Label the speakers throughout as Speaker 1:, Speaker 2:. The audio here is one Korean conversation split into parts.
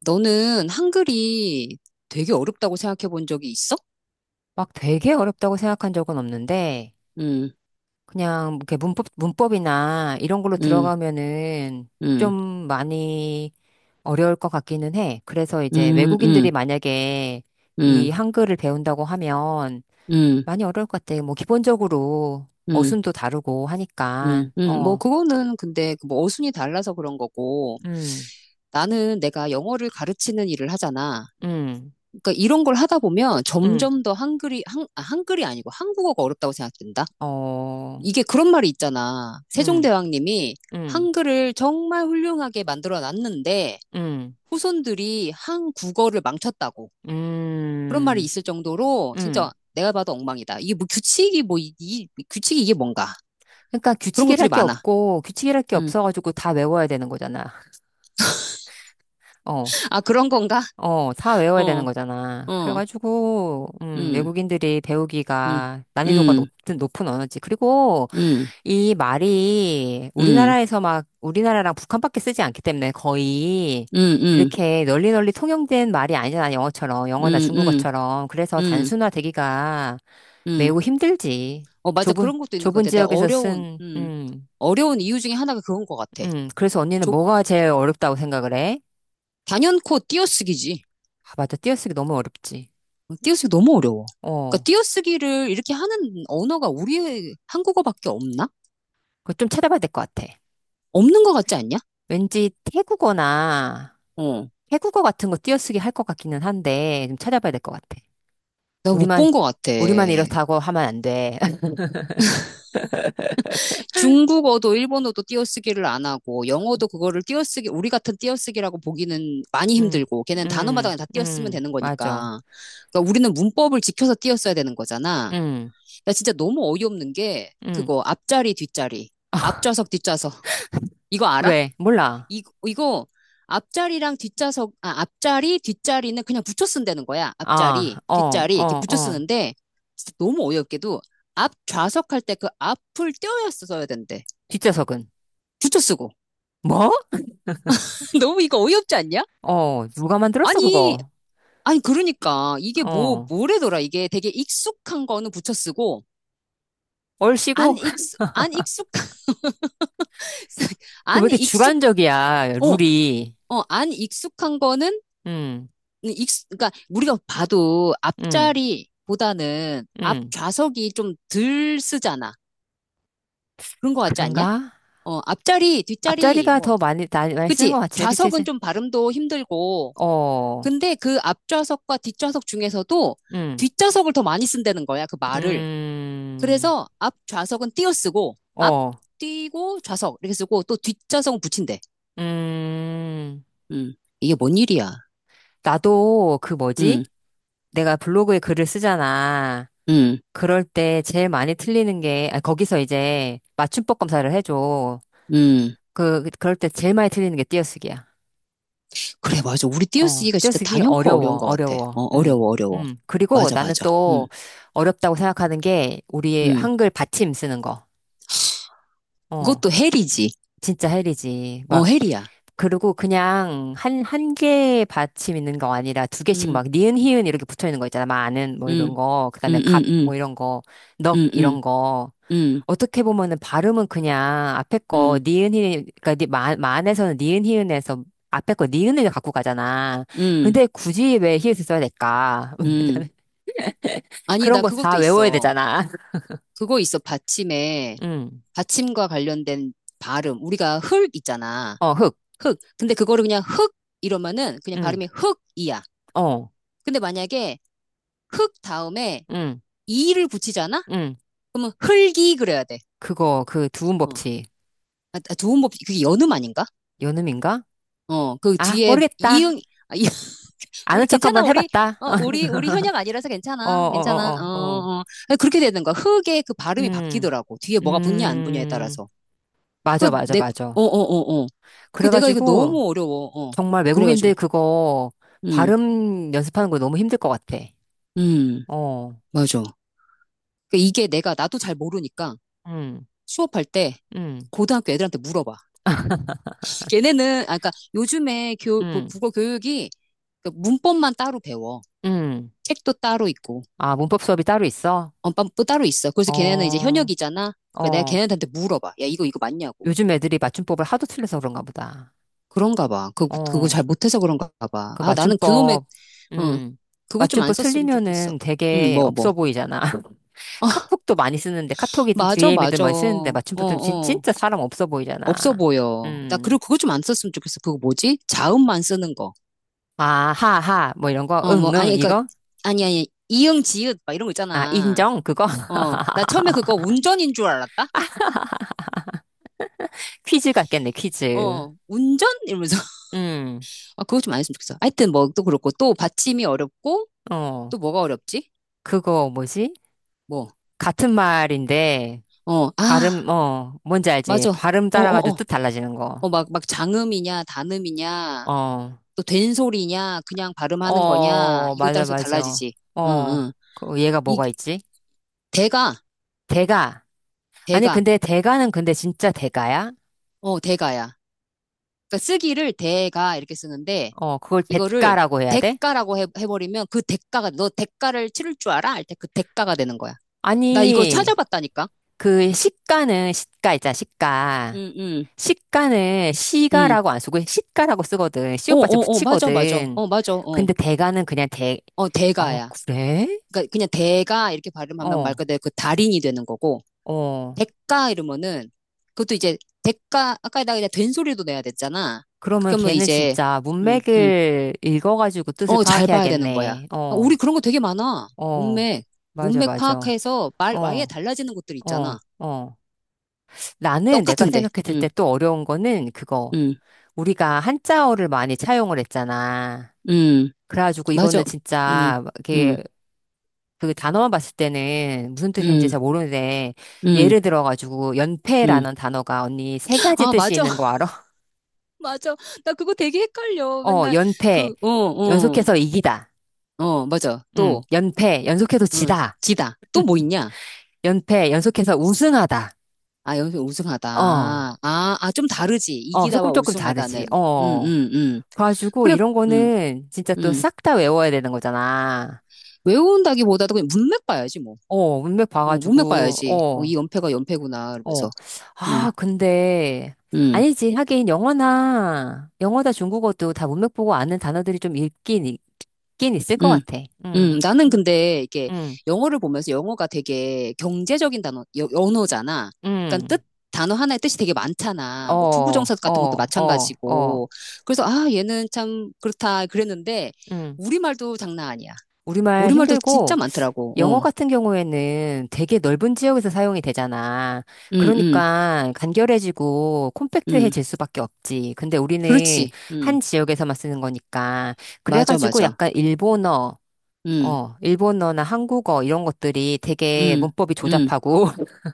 Speaker 1: 너는 한글이 되게 어렵다고 생각해 본 적이 있어?
Speaker 2: 막 되게 어렵다고 생각한 적은 없는데,
Speaker 1: 응,
Speaker 2: 그냥 이렇게 문법이나 이런 걸로
Speaker 1: 응,
Speaker 2: 들어가면은 좀
Speaker 1: 응,
Speaker 2: 많이 어려울 것 같기는 해. 그래서 이제
Speaker 1: 응,
Speaker 2: 외국인들이
Speaker 1: 응,
Speaker 2: 만약에
Speaker 1: 응,
Speaker 2: 이 한글을 배운다고 하면
Speaker 1: 응,
Speaker 2: 많이 어려울 것 같아. 뭐 기본적으로
Speaker 1: 응,
Speaker 2: 어순도 다르고
Speaker 1: 응,
Speaker 2: 하니까.
Speaker 1: 응. 뭐,
Speaker 2: 어,
Speaker 1: 그거는 근데 그 뭐 어순이 달라서 그런 거고,
Speaker 2: 음,
Speaker 1: 나는 내가 영어를 가르치는 일을 하잖아.
Speaker 2: 음,
Speaker 1: 그러니까 이런 걸 하다 보면
Speaker 2: 음,
Speaker 1: 점점 더 한글이, 한, 아, 한글이 아니고 한국어가 어렵다고 생각된다?
Speaker 2: 어,
Speaker 1: 이게 그런 말이 있잖아.
Speaker 2: 음,
Speaker 1: 세종대왕님이
Speaker 2: 음,
Speaker 1: 한글을 정말 훌륭하게 만들어 놨는데,
Speaker 2: 음,
Speaker 1: 후손들이 한국어를 망쳤다고. 그런 말이
Speaker 2: 음,
Speaker 1: 있을 정도로 진짜
Speaker 2: 음.
Speaker 1: 내가 봐도 엉망이다. 이게 뭐 규칙이 뭐, 이, 이 규칙이 이게 뭔가.
Speaker 2: 그러니까
Speaker 1: 그런 것들이
Speaker 2: 규칙이랄 게
Speaker 1: 많아.
Speaker 2: 없고 규칙이랄 게
Speaker 1: 음.
Speaker 2: 없어가지고 다 외워야 되는 거잖아. 어,
Speaker 1: 아, 그런 건가?
Speaker 2: 어, 다 외워야 되는
Speaker 1: 어,
Speaker 2: 거잖아.
Speaker 1: 어,
Speaker 2: 그래가지고
Speaker 1: 음,
Speaker 2: 외국인들이
Speaker 1: 음,
Speaker 2: 배우기가 난이도가
Speaker 1: 음,
Speaker 2: 높은 언어지. 그리고
Speaker 1: 음,
Speaker 2: 이 말이
Speaker 1: 음,
Speaker 2: 우리나라에서 막 우리나라랑 북한밖에 쓰지 않기 때문에 거의
Speaker 1: 음, 음,
Speaker 2: 이렇게 널리 널리 통용된 말이 아니잖아. 영어처럼 영어나
Speaker 1: 음, 음,
Speaker 2: 중국어처럼. 그래서
Speaker 1: 음,
Speaker 2: 단순화되기가
Speaker 1: 음.
Speaker 2: 매우 힘들지.
Speaker 1: 어, 맞아.
Speaker 2: 좁은
Speaker 1: 그런 것도 있는 것
Speaker 2: 좁은
Speaker 1: 같아.
Speaker 2: 지역에서 쓴
Speaker 1: 어려운 이유 중에 하나가 그건 것 같아.
Speaker 2: 그래서 언니는
Speaker 1: 좀,
Speaker 2: 뭐가 제일 어렵다고 생각을 해?
Speaker 1: 단연코 띄어쓰기지.
Speaker 2: 아, 맞아. 띄어쓰기 너무 어렵지.
Speaker 1: 어, 띄어쓰기 너무 어려워. 그러니까
Speaker 2: 어,
Speaker 1: 띄어쓰기를 이렇게 하는 언어가 우리의 한국어밖에 없나?
Speaker 2: 그거 좀 찾아봐야 될 것 같아.
Speaker 1: 없는 것 같지 않냐?
Speaker 2: 왠지
Speaker 1: 어.
Speaker 2: 태국어 같은 거 띄어쓰기 할 것 같기는 한데, 좀 찾아봐야 될 것 같아.
Speaker 1: 나 못
Speaker 2: 우리만,
Speaker 1: 본 것 같아.
Speaker 2: 우리만 이렇다고 하면 안 돼.
Speaker 1: 중국어도 일본어도 띄어쓰기를 안 하고, 영어도 그거를 띄어쓰기, 우리 같은 띄어쓰기라고 보기는 많이
Speaker 2: 음,
Speaker 1: 힘들고, 걔는 단어마다 그냥 다 띄어쓰면 되는
Speaker 2: 맞아.
Speaker 1: 거니까. 그러니까 우리는 문법을 지켜서 띄어써야 되는 거잖아.
Speaker 2: 음,
Speaker 1: 나 진짜 너무 어이없는 게,
Speaker 2: 음.
Speaker 1: 그거, 앞자리, 뒷자리. 앞좌석, 뒷좌석. 이거 알아?
Speaker 2: 왜? 몰라.
Speaker 1: 이, 이거 앞자리랑 앞자리, 뒷자리는 그냥 붙여 쓴다는 거야.
Speaker 2: 아,
Speaker 1: 앞자리,
Speaker 2: 어,
Speaker 1: 뒷자리 이렇게
Speaker 2: 어,
Speaker 1: 붙여
Speaker 2: 어.
Speaker 1: 쓰는데 진짜 너무 어이없게도 앞 좌석 할 때 그 앞을 떼어야 써야 된대.
Speaker 2: 뒷좌석은.
Speaker 1: 붙여 쓰고.
Speaker 2: 뭐?
Speaker 1: 너무 이거 어이없지 않냐?
Speaker 2: 어, 누가 만들었어,
Speaker 1: 아니,
Speaker 2: 그거?
Speaker 1: 아니 그러니까 이게 뭐
Speaker 2: 어.
Speaker 1: 뭐래더라. 이게 되게 익숙한 거는 붙여 쓰고 안
Speaker 2: 얼씨구?
Speaker 1: 익숙 안 익숙
Speaker 2: 그 왜
Speaker 1: 안
Speaker 2: 이렇게
Speaker 1: 익숙
Speaker 2: 주관적이야,
Speaker 1: 어,
Speaker 2: 룰이?
Speaker 1: 어, 안 익숙한 거는
Speaker 2: 응,
Speaker 1: 그러니까 우리가 봐도
Speaker 2: 응,
Speaker 1: 앞자리보다는 앞
Speaker 2: 응.
Speaker 1: 좌석이 좀 덜 쓰잖아. 그런 거 같지 않냐?
Speaker 2: 그런가?
Speaker 1: 어, 앞자리, 뒷자리,
Speaker 2: 앞자리가
Speaker 1: 뭐,
Speaker 2: 더 많이, 나- 많이 쓰는
Speaker 1: 그치?
Speaker 2: 것 같지, 그치?
Speaker 1: 좌석은
Speaker 2: 이제?
Speaker 1: 좀 발음도 힘들고,
Speaker 2: 어,
Speaker 1: 근데 그 앞좌석과 뒷좌석 중에서도
Speaker 2: 음,
Speaker 1: 뒷좌석을 더 많이 쓴다는 거야, 그 말을.
Speaker 2: 음,
Speaker 1: 그래서 앞 좌석은 띄어쓰고, 앞
Speaker 2: 어,
Speaker 1: 띄고 좌석 이렇게 쓰고, 또 뒷좌석은 붙인대.
Speaker 2: 음.
Speaker 1: 음, 이게 뭔 일이야?
Speaker 2: 나도 그 뭐지?
Speaker 1: 음,
Speaker 2: 내가 블로그에 글을 쓰잖아.
Speaker 1: 음,
Speaker 2: 그럴 때 제일 많이 틀리는 게, 아, 거기서 이제 맞춤법 검사를 해줘.
Speaker 1: 음.
Speaker 2: 그, 그럴 때 제일 많이 틀리는 게 띄어쓰기야.
Speaker 1: 그래, 맞아. 우리
Speaker 2: 어,
Speaker 1: 띄어쓰기가 진짜
Speaker 2: 떼쓰기
Speaker 1: 단연코 어려운
Speaker 2: 어려워,
Speaker 1: 것 같아. 어,
Speaker 2: 어려워.
Speaker 1: 어려워, 어려워.
Speaker 2: 그리고
Speaker 1: 맞아,
Speaker 2: 나는
Speaker 1: 맞아. 응,
Speaker 2: 또 어렵다고 생각하는 게 우리
Speaker 1: 응.
Speaker 2: 한글 받침 쓰는 거. 어,
Speaker 1: 그것도 헬이지.
Speaker 2: 진짜 헬이지.
Speaker 1: 어,
Speaker 2: 막,
Speaker 1: 헬이야.
Speaker 2: 그리고 그냥 한 개의 받침 있는 거 아니라 두 개씩
Speaker 1: 응,
Speaker 2: 막 니은, 희은 이렇게 붙어 있는 거 있잖아. 많은 뭐
Speaker 1: 응,
Speaker 2: 이런 거. 그 다음에
Speaker 1: 응, 응,
Speaker 2: 갑
Speaker 1: 응,
Speaker 2: 뭐 이런 거. 넉
Speaker 1: 응, 응,
Speaker 2: 이런 거.
Speaker 1: 응,
Speaker 2: 어떻게 보면은 발음은 그냥 앞에 거
Speaker 1: 응,
Speaker 2: 니은 히읗, 그러니까 니- 마, 에서는 니은 히읗에서 앞에 거 니은을 갖고 가잖아.
Speaker 1: 응,
Speaker 2: 근데 굳이 왜 히읗을 써야 될까?
Speaker 1: 응. 아니,
Speaker 2: 그런
Speaker 1: 나
Speaker 2: 거
Speaker 1: 그것도
Speaker 2: 다 외워야
Speaker 1: 있어.
Speaker 2: 되잖아.
Speaker 1: 그거 있어. 받침에,
Speaker 2: 응.
Speaker 1: 받침과 관련된 발음. 우리가 흙 있잖아.
Speaker 2: 어, 흑.
Speaker 1: 흙. 근데 그거를 그냥 흙 이러면은 그냥
Speaker 2: 응.
Speaker 1: 발음이 흙이야.
Speaker 2: 어.
Speaker 1: 근데 만약에 흙 다음에
Speaker 2: 응.
Speaker 1: 이를 붙이잖아?
Speaker 2: 응.
Speaker 1: 그러면 흙이 그래야 돼.
Speaker 2: 그거 그 두음
Speaker 1: 어.
Speaker 2: 법칙.
Speaker 1: 그게 연음 아닌가?
Speaker 2: 연음인가?
Speaker 1: 어, 그
Speaker 2: 아,
Speaker 1: 뒤에
Speaker 2: 모르겠다.
Speaker 1: 이응, 아, 이-
Speaker 2: 아는
Speaker 1: 우리
Speaker 2: 척
Speaker 1: 괜찮아,
Speaker 2: 한번
Speaker 1: 우리,
Speaker 2: 해봤다.
Speaker 1: 어, 우리 현역 아니라서
Speaker 2: 어, 어,
Speaker 1: 괜찮아, 괜찮아, 어,
Speaker 2: 어, 어, 어.
Speaker 1: 어. 아니, 그렇게 되는 거야. 흑의 그 발음이
Speaker 2: 음.
Speaker 1: 바뀌더라고. 뒤에 뭐가 붙냐, 안 붙냐에
Speaker 2: 음.
Speaker 1: 따라서.
Speaker 2: 맞아,
Speaker 1: 그,
Speaker 2: 맞아,
Speaker 1: 내,
Speaker 2: 맞아.
Speaker 1: 어, 어, 어, 어. 그 내가 이거
Speaker 2: 그래가지고
Speaker 1: 너무 어려워, 어.
Speaker 2: 정말
Speaker 1: 그래가지고,
Speaker 2: 외국인들 그거
Speaker 1: 음,
Speaker 2: 발음 연습하는 거 너무 힘들 것 같아.
Speaker 1: 음,
Speaker 2: 어,
Speaker 1: 맞아. 나도 잘 모르니까
Speaker 2: 음,
Speaker 1: 수업할 때
Speaker 2: 음,
Speaker 1: 고등학교 애들한테 물어봐. 걔네는, 아까 요즘에 교, 그
Speaker 2: 음,
Speaker 1: 국어 교육이 그 문법만 따로 배워.
Speaker 2: 음.
Speaker 1: 책도 따로 있고.
Speaker 2: 아, 문법 수업이 따로 있어?
Speaker 1: 언빵도 따로 있어. 그래서 걔네는 이제
Speaker 2: 어,
Speaker 1: 현역이잖아. 그러니까 내가
Speaker 2: 어.
Speaker 1: 걔네한테 물어봐. 야, 이거 맞냐고.
Speaker 2: 요즘 애들이 맞춤법을 하도 틀려서 그런가 보다.
Speaker 1: 그런가 봐. 그거
Speaker 2: 어,
Speaker 1: 잘 못해서 그런가 봐.
Speaker 2: 그
Speaker 1: 아, 나는 그놈의,
Speaker 2: 맞춤법,
Speaker 1: 응.
Speaker 2: 음.
Speaker 1: 그거 좀 안
Speaker 2: 맞춤법
Speaker 1: 썼으면 좋겠어.
Speaker 2: 틀리면은
Speaker 1: 응,
Speaker 2: 되게
Speaker 1: 뭐.
Speaker 2: 없어 보이잖아.
Speaker 1: 아,
Speaker 2: 카톡도 많이 쓰는데, 카톡이든
Speaker 1: 맞아,
Speaker 2: DM이든
Speaker 1: 맞아.
Speaker 2: 많이 쓰는데,
Speaker 1: 어,
Speaker 2: 맞춤법 틀리면 진-
Speaker 1: 어.
Speaker 2: 진짜 사람 없어
Speaker 1: 없어
Speaker 2: 보이잖아.
Speaker 1: 보여. 나, 그리고
Speaker 2: 음.
Speaker 1: 그거 좀 안 썼으면 좋겠어. 그거 뭐지? 자음만 쓰는 거.
Speaker 2: 아, 하, 하, 뭐 이런 거,
Speaker 1: 어, 뭐,
Speaker 2: 응, 응,
Speaker 1: 아니, 그니까,
Speaker 2: 이거?
Speaker 1: 아니, 아니. 이응, 지읒, 막 이런 거
Speaker 2: 아,
Speaker 1: 있잖아.
Speaker 2: 인정? 그거?
Speaker 1: 어, 나 처음에 그거 운전인 줄 알았다?
Speaker 2: 퀴즈 같겠네, 퀴즈.
Speaker 1: 어, 운전? 이러면서.
Speaker 2: 음,
Speaker 1: 아, 그거 좀 안 했으면 좋겠어. 하여튼 뭐 또 그렇고 또 받침이 어렵고
Speaker 2: 어,
Speaker 1: 또 뭐가 어렵지?
Speaker 2: 그거 뭐지?
Speaker 1: 뭐,
Speaker 2: 같은 말인데,
Speaker 1: 어, 아,
Speaker 2: 발음, 어, 뭔지 알지?
Speaker 1: 맞아.
Speaker 2: 발음
Speaker 1: 어, 어,
Speaker 2: 따라가지고
Speaker 1: 어.
Speaker 2: 뜻 달라지는 거.
Speaker 1: 어, 막, 막 장음이냐, 단음이냐,
Speaker 2: 어,
Speaker 1: 또 된소리냐, 그냥 발음하는 거냐,
Speaker 2: 어,
Speaker 1: 이것
Speaker 2: 맞아,
Speaker 1: 따라서
Speaker 2: 맞아.
Speaker 1: 달라지지. 응,
Speaker 2: 어,
Speaker 1: 응.
Speaker 2: 그 얘가
Speaker 1: 이,
Speaker 2: 뭐가 있지?
Speaker 1: 대가,
Speaker 2: 대가. 아니,
Speaker 1: 대가,
Speaker 2: 근데 대가는 근데 진짜 대가야?
Speaker 1: 어, 대가야. 그러니까 쓰기를 대가 이렇게 쓰는데,
Speaker 2: 어, 그걸
Speaker 1: 이거를
Speaker 2: 대가라고 해야 돼?
Speaker 1: 해버리면 그 대가가, 너 대가를 치를 줄 알아? 할 때 그 대가가 되는 거야. 나 이거
Speaker 2: 아니,
Speaker 1: 찾아봤다니까?
Speaker 2: 그 시가는 시가 있잖아, 시가.
Speaker 1: 응, 응,
Speaker 2: 시가는
Speaker 1: 응.
Speaker 2: 시가라고 안 쓰고 시가라고 쓰거든.
Speaker 1: 어,
Speaker 2: 시옷받침
Speaker 1: 어, 어, 맞아, 맞아.
Speaker 2: 붙이거든.
Speaker 1: 어, 맞아, 어.
Speaker 2: 근데 대가는 그냥 대,
Speaker 1: 어,
Speaker 2: 어,
Speaker 1: 대가야.
Speaker 2: 그래?
Speaker 1: 그러니까 그냥 대가 이렇게 발음하면 말
Speaker 2: 어,
Speaker 1: 그대로 그 달인이 되는 거고
Speaker 2: 어.
Speaker 1: 대가 이러면은 그것도 이제 대가 아까 나 그냥 된소리도 내야 됐잖아.
Speaker 2: 그러면
Speaker 1: 그러면
Speaker 2: 걔는
Speaker 1: 이제
Speaker 2: 진짜
Speaker 1: 음, 음.
Speaker 2: 문맥을 읽어가지고 뜻을
Speaker 1: 어, 잘 봐야 되는 거야.
Speaker 2: 파악해야겠네.
Speaker 1: 아, 우리
Speaker 2: 어,
Speaker 1: 그런 거 되게 많아.
Speaker 2: 어.
Speaker 1: 문맥,
Speaker 2: 맞아,
Speaker 1: 문맥
Speaker 2: 맞아.
Speaker 1: 파악해서 말 아예
Speaker 2: 어,
Speaker 1: 달라지는 것들 있잖아.
Speaker 2: 어, 어. 나는 내가
Speaker 1: 똑같은데.
Speaker 2: 생각했을 때 또 어려운 거는 그거.
Speaker 1: 음,
Speaker 2: 우리가 한자어를 많이 차용을 했잖아.
Speaker 1: 음.
Speaker 2: 그래가지고
Speaker 1: 맞아.
Speaker 2: 이거는
Speaker 1: 음,
Speaker 2: 진짜
Speaker 1: 음,
Speaker 2: 이렇게 그 단어만 봤을 때는 무슨 뜻인지
Speaker 1: 음,
Speaker 2: 잘 모르는데,
Speaker 1: 음,
Speaker 2: 예를 들어가지고,
Speaker 1: 음.
Speaker 2: 연패라는 단어가 언니 세 가지
Speaker 1: 아,
Speaker 2: 뜻이
Speaker 1: 맞아.
Speaker 2: 있는 거 알아?
Speaker 1: 맞아. 나 그거 되게 헷갈려.
Speaker 2: 어,
Speaker 1: 맨날 그,
Speaker 2: 연패,
Speaker 1: 어, 어,
Speaker 2: 연속해서 이기다.
Speaker 1: 어, 맞아.
Speaker 2: 응,
Speaker 1: 또
Speaker 2: 연패, 연속해서
Speaker 1: 응,
Speaker 2: 지다.
Speaker 1: 지다. 또 뭐 있냐?
Speaker 2: 연패, 연속해서 우승하다.
Speaker 1: 아, 여기서 우승하다.
Speaker 2: 어,
Speaker 1: 아, 아, 좀 다르지.
Speaker 2: 어,
Speaker 1: 이기다와
Speaker 2: 조금 조금 다르지.
Speaker 1: 우승하다는. 응,
Speaker 2: 어.
Speaker 1: 응, 응.
Speaker 2: 그래가지고
Speaker 1: 그래,
Speaker 2: 이런
Speaker 1: 응,
Speaker 2: 거는 진짜 또
Speaker 1: 응.
Speaker 2: 싹 다 외워야 되는 거잖아.
Speaker 1: 외운다기보다도 그냥 문맥 봐야지, 뭐.
Speaker 2: 어, 문맥
Speaker 1: 어, 문맥
Speaker 2: 봐가지고,
Speaker 1: 봐야지. 어, 이
Speaker 2: 어.
Speaker 1: 연패가 연패구나,
Speaker 2: 어.
Speaker 1: 이러면서. 응,
Speaker 2: 아, 근데,
Speaker 1: 응,
Speaker 2: 아니지. 하긴, 영어나 중국어도 다 문맥 보고 아는 단어들이 좀 있긴 있을 것
Speaker 1: 응.
Speaker 2: 같아. 응,
Speaker 1: 나는
Speaker 2: 응,
Speaker 1: 근데 이게
Speaker 2: 응,
Speaker 1: 영어를 보면서 영어가 되게 경제적인 언어잖아. 그러니까
Speaker 2: 응.
Speaker 1: 뜻, 단어 하나의 뜻이 되게
Speaker 2: 어,
Speaker 1: 많잖아. 뭐 투부정사 같은 것도
Speaker 2: 어, 어, 어,
Speaker 1: 마찬가지고. 그래서 아, 얘는 참 그렇다 그랬는데
Speaker 2: 응.
Speaker 1: 우리말도 장난 아니야.
Speaker 2: 우리말
Speaker 1: 우리말도 진짜
Speaker 2: 힘들고,
Speaker 1: 많더라고.
Speaker 2: 영어
Speaker 1: 어.
Speaker 2: 같은 경우에는 되게 넓은 지역에서 사용이 되잖아.
Speaker 1: 음, 음,
Speaker 2: 그러니까 간결해지고
Speaker 1: 음.
Speaker 2: 콤팩트해질 수밖에 없지. 근데 우리는
Speaker 1: 그렇지. 음.
Speaker 2: 한 지역에서만 쓰는 거니까.
Speaker 1: 맞아,
Speaker 2: 그래가지고
Speaker 1: 맞아.
Speaker 2: 약간 일본어,
Speaker 1: 음,
Speaker 2: 어, 일본어나 한국어 이런 것들이 되게
Speaker 1: 음,
Speaker 2: 문법이
Speaker 1: 음.
Speaker 2: 조잡하고,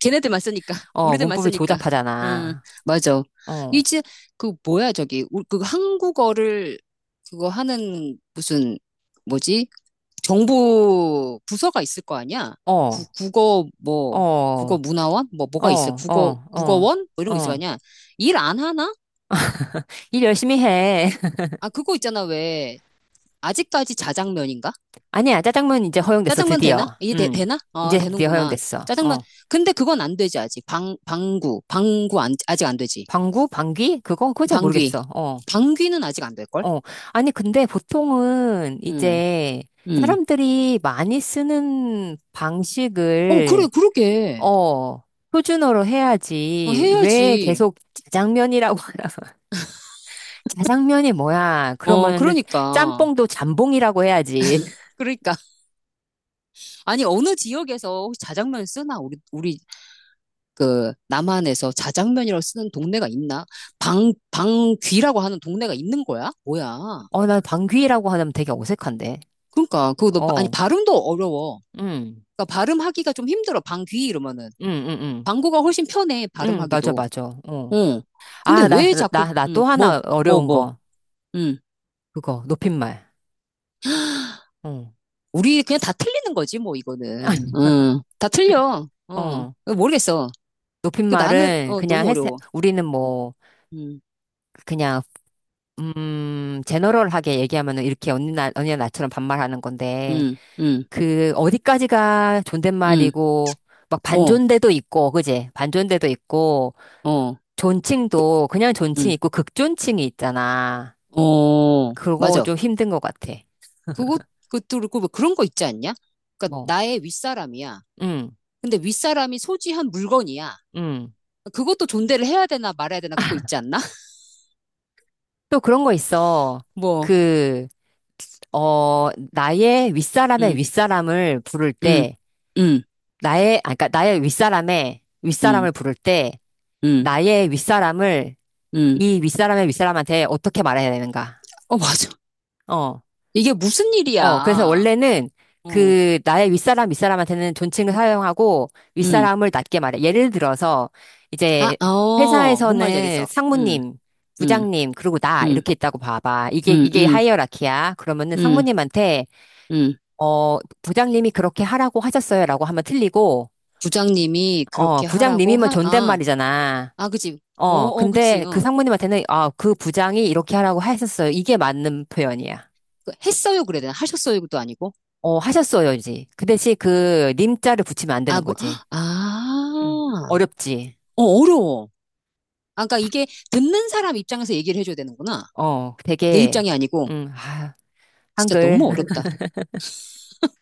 Speaker 1: 걔네들만 쓰니까
Speaker 2: 어,
Speaker 1: 우리들만
Speaker 2: 문법이
Speaker 1: 쓰니까 응
Speaker 2: 조잡하잖아.
Speaker 1: 맞아
Speaker 2: 어,
Speaker 1: 이제 그 한국어를 그거 하는 무슨 뭐지 정부 부서가 있을 거 아니야
Speaker 2: 어,
Speaker 1: 국어
Speaker 2: 어,
Speaker 1: 뭐 국어
Speaker 2: 어,
Speaker 1: 문화원 뭐 뭐가 있어
Speaker 2: 어,
Speaker 1: 국어
Speaker 2: 어,
Speaker 1: 국어원 뭐 이런 거 있을 거
Speaker 2: 어.
Speaker 1: 아니야 일 안 하나
Speaker 2: 일 열심히 해.
Speaker 1: 아 그거 있잖아 왜 아직까지 자장면인가
Speaker 2: 아니야, 짜장면 이제 허용됐어,
Speaker 1: 짜장면
Speaker 2: 드디어.
Speaker 1: 되나
Speaker 2: 음,
Speaker 1: 되나 어
Speaker 2: 이제 드디어
Speaker 1: 되는구나
Speaker 2: 허용됐어.
Speaker 1: 짜장면
Speaker 2: 어.
Speaker 1: 근데 그건 안 되지 아직 방 방구 방구 안, 아직 안 되지
Speaker 2: 방구? 방귀? 그거? 그거 잘
Speaker 1: 방귀.
Speaker 2: 모르겠어. 어,
Speaker 1: 방귀는 아직 안 될걸?
Speaker 2: 어. 아니, 근데 보통은
Speaker 1: 응,
Speaker 2: 이제
Speaker 1: 응.
Speaker 2: 사람들이 많이 쓰는
Speaker 1: 어, 그래,
Speaker 2: 방식을,
Speaker 1: 그러게.
Speaker 2: 어, 표준어로
Speaker 1: 어,
Speaker 2: 해야지. 왜
Speaker 1: 해야지.
Speaker 2: 계속 자장면이라고, 자장면이 뭐야?
Speaker 1: 어,
Speaker 2: 그러면은
Speaker 1: 그러니까.
Speaker 2: 짬뽕도 잠봉이라고 해야지.
Speaker 1: 그러니까. 아니, 어느 지역에서 혹시 자장면 쓰나? 남한에서 자장면이라고 쓰는 동네가 있나? 방귀라고 하는 동네가 있는 거야? 뭐야.
Speaker 2: 어, 나 방귀라고 하면 되게 어색한데.
Speaker 1: 그러니까, 아니,
Speaker 2: 어,
Speaker 1: 발음도 어려워.
Speaker 2: 응,
Speaker 1: 그러니까 발음하기가 좀 힘들어. 방귀 이러면은.
Speaker 2: 응, 응, 응.
Speaker 1: 방구가 훨씬 편해,
Speaker 2: 응, 맞아,
Speaker 1: 발음하기도.
Speaker 2: 맞아. 어.
Speaker 1: 응. 근데
Speaker 2: 아,
Speaker 1: 왜 자꾸,
Speaker 2: 나
Speaker 1: 응,
Speaker 2: 또
Speaker 1: 뭐,
Speaker 2: 하나
Speaker 1: 뭐,
Speaker 2: 어려운
Speaker 1: 뭐,
Speaker 2: 거.
Speaker 1: 응.
Speaker 2: 그거, 높임말. 어.
Speaker 1: 우리 그냥 다 틀리는 거지, 뭐, 이거는. 응, 다 틀려. 어,
Speaker 2: 어,
Speaker 1: 모르겠어. 나는,
Speaker 2: 높임말은
Speaker 1: 어,
Speaker 2: 그냥
Speaker 1: 너무
Speaker 2: 했,
Speaker 1: 어려워.
Speaker 2: 우리는 뭐,
Speaker 1: 응,
Speaker 2: 그냥, 제너럴하게 얘기하면은 이렇게 언니 나, 언니나 나처럼 반말하는 건데,
Speaker 1: 응, 응,
Speaker 2: 그 어디까지가
Speaker 1: 응,
Speaker 2: 존댓말이고 막
Speaker 1: 어,
Speaker 2: 반존대도 있고 그지? 반존대도 있고
Speaker 1: 어,
Speaker 2: 존칭도 그냥 존칭
Speaker 1: 응,
Speaker 2: 있고 극존칭이 있잖아.
Speaker 1: 어,
Speaker 2: 그거
Speaker 1: 맞아.
Speaker 2: 좀 힘든 것 같아.
Speaker 1: 그것, 그것도 그렇고, 뭐 그런 거 있지 않냐? 그러니까
Speaker 2: 뭐,
Speaker 1: 나의 윗사람이야.
Speaker 2: 음,
Speaker 1: 근데 윗사람이 소지한 물건이야.
Speaker 2: 음.
Speaker 1: 그것도 존대를 해야 되나 말아야 되나 그거 있지 않나?
Speaker 2: 또 그런 거 있어.
Speaker 1: 뭐,
Speaker 2: 그, 어, 나의 윗사람의
Speaker 1: 응,
Speaker 2: 윗사람을 부를
Speaker 1: 응,
Speaker 2: 때,
Speaker 1: 응,
Speaker 2: 나의, 아, 그니까 나의 윗사람의
Speaker 1: 응,
Speaker 2: 윗사람을 부를 때
Speaker 1: 응,
Speaker 2: 나의 윗사람을
Speaker 1: 응.
Speaker 2: 이 윗사람의 윗사람한테 어떻게 말해야 되는가?
Speaker 1: 어, 맞아.
Speaker 2: 어.
Speaker 1: 이게 무슨
Speaker 2: 어, 그래서
Speaker 1: 일이야.
Speaker 2: 원래는
Speaker 1: 어,
Speaker 2: 그 나의 윗사람한테는 존칭을 사용하고
Speaker 1: 응.
Speaker 2: 윗사람을 낮게 말해. 예를 들어서
Speaker 1: 아,
Speaker 2: 이제
Speaker 1: 어, 뭔 말인지
Speaker 2: 회사에서는
Speaker 1: 알겠어. 음,
Speaker 2: 상무님,
Speaker 1: 음,
Speaker 2: 부장님, 그리고 나
Speaker 1: 음,
Speaker 2: 이렇게 있다고 봐봐. 이게
Speaker 1: 음,
Speaker 2: 이게
Speaker 1: 음,
Speaker 2: 하이어라키야. 그러면은
Speaker 1: 음,
Speaker 2: 상무님한테,
Speaker 1: 음.
Speaker 2: 어, 부장님이 그렇게 하라고 하셨어요라고 하면 틀리고.
Speaker 1: 부장님이
Speaker 2: 어,
Speaker 1: 그렇게 하라고
Speaker 2: 부장님이면
Speaker 1: 하, 아,
Speaker 2: 존댓말이잖아.
Speaker 1: 아, 그치. 어,
Speaker 2: 어,
Speaker 1: 어, 그치.
Speaker 2: 근데 그
Speaker 1: 어.
Speaker 2: 상무님한테는 아, 그 부장이 이렇게 하라고 하셨어요. 이게 맞는 표현이야.
Speaker 1: 그 했어요, 그래야 되나? 하셨어요도 아니고.
Speaker 2: 어, 하셨어요, 이제. 그 대신 그 님자를 붙이면 안
Speaker 1: 아,
Speaker 2: 되는
Speaker 1: 뭐,
Speaker 2: 거지. 음.
Speaker 1: 아,
Speaker 2: 어렵지.
Speaker 1: 어, 어려워. 아, 그러니까 이게 듣는 사람 입장에서 얘기를 해줘야 되는구나.
Speaker 2: 어,
Speaker 1: 내
Speaker 2: 되게,
Speaker 1: 입장이 아니고.
Speaker 2: 아,
Speaker 1: 진짜
Speaker 2: 한글.
Speaker 1: 너무 어렵다.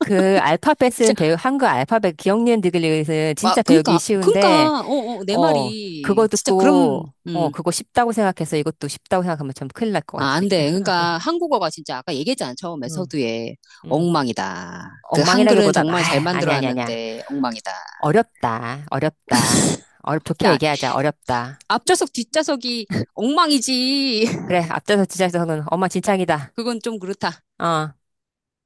Speaker 2: 그 알파벳은
Speaker 1: 진짜,
Speaker 2: 배우, 한글 알파벳 기억니은 디귿은
Speaker 1: 아,
Speaker 2: 진짜 배우기
Speaker 1: 그니까,
Speaker 2: 쉬운데,
Speaker 1: 그니까, 어, 어, 내
Speaker 2: 어, 그거
Speaker 1: 말이. 진짜 그럼,
Speaker 2: 듣고, 어, 그거 쉽다고 생각해서 이것도 쉽다고 생각하면 좀 큰일 날 것
Speaker 1: 아, 안 돼.
Speaker 2: 같아.
Speaker 1: 그러니까 한국어가 진짜 아까 얘기했잖아. 처음에
Speaker 2: 음,
Speaker 1: 서두에
Speaker 2: 음,
Speaker 1: 엉망이다. 그 한글은
Speaker 2: 엉망이라기보다, 아,
Speaker 1: 정말 잘
Speaker 2: 아니, 아니, 아니야.
Speaker 1: 만들어놨는데 엉망이다.
Speaker 2: 어렵다, 어렵다. 어렵, 좋게
Speaker 1: 야,
Speaker 2: 얘기하자, 어렵다.
Speaker 1: 앞좌석 뒷좌석이 엉망이지.
Speaker 2: 그래, 앞서서 지자서는 엄마 진창이다.
Speaker 1: 그건 좀 그렇다.
Speaker 2: 어.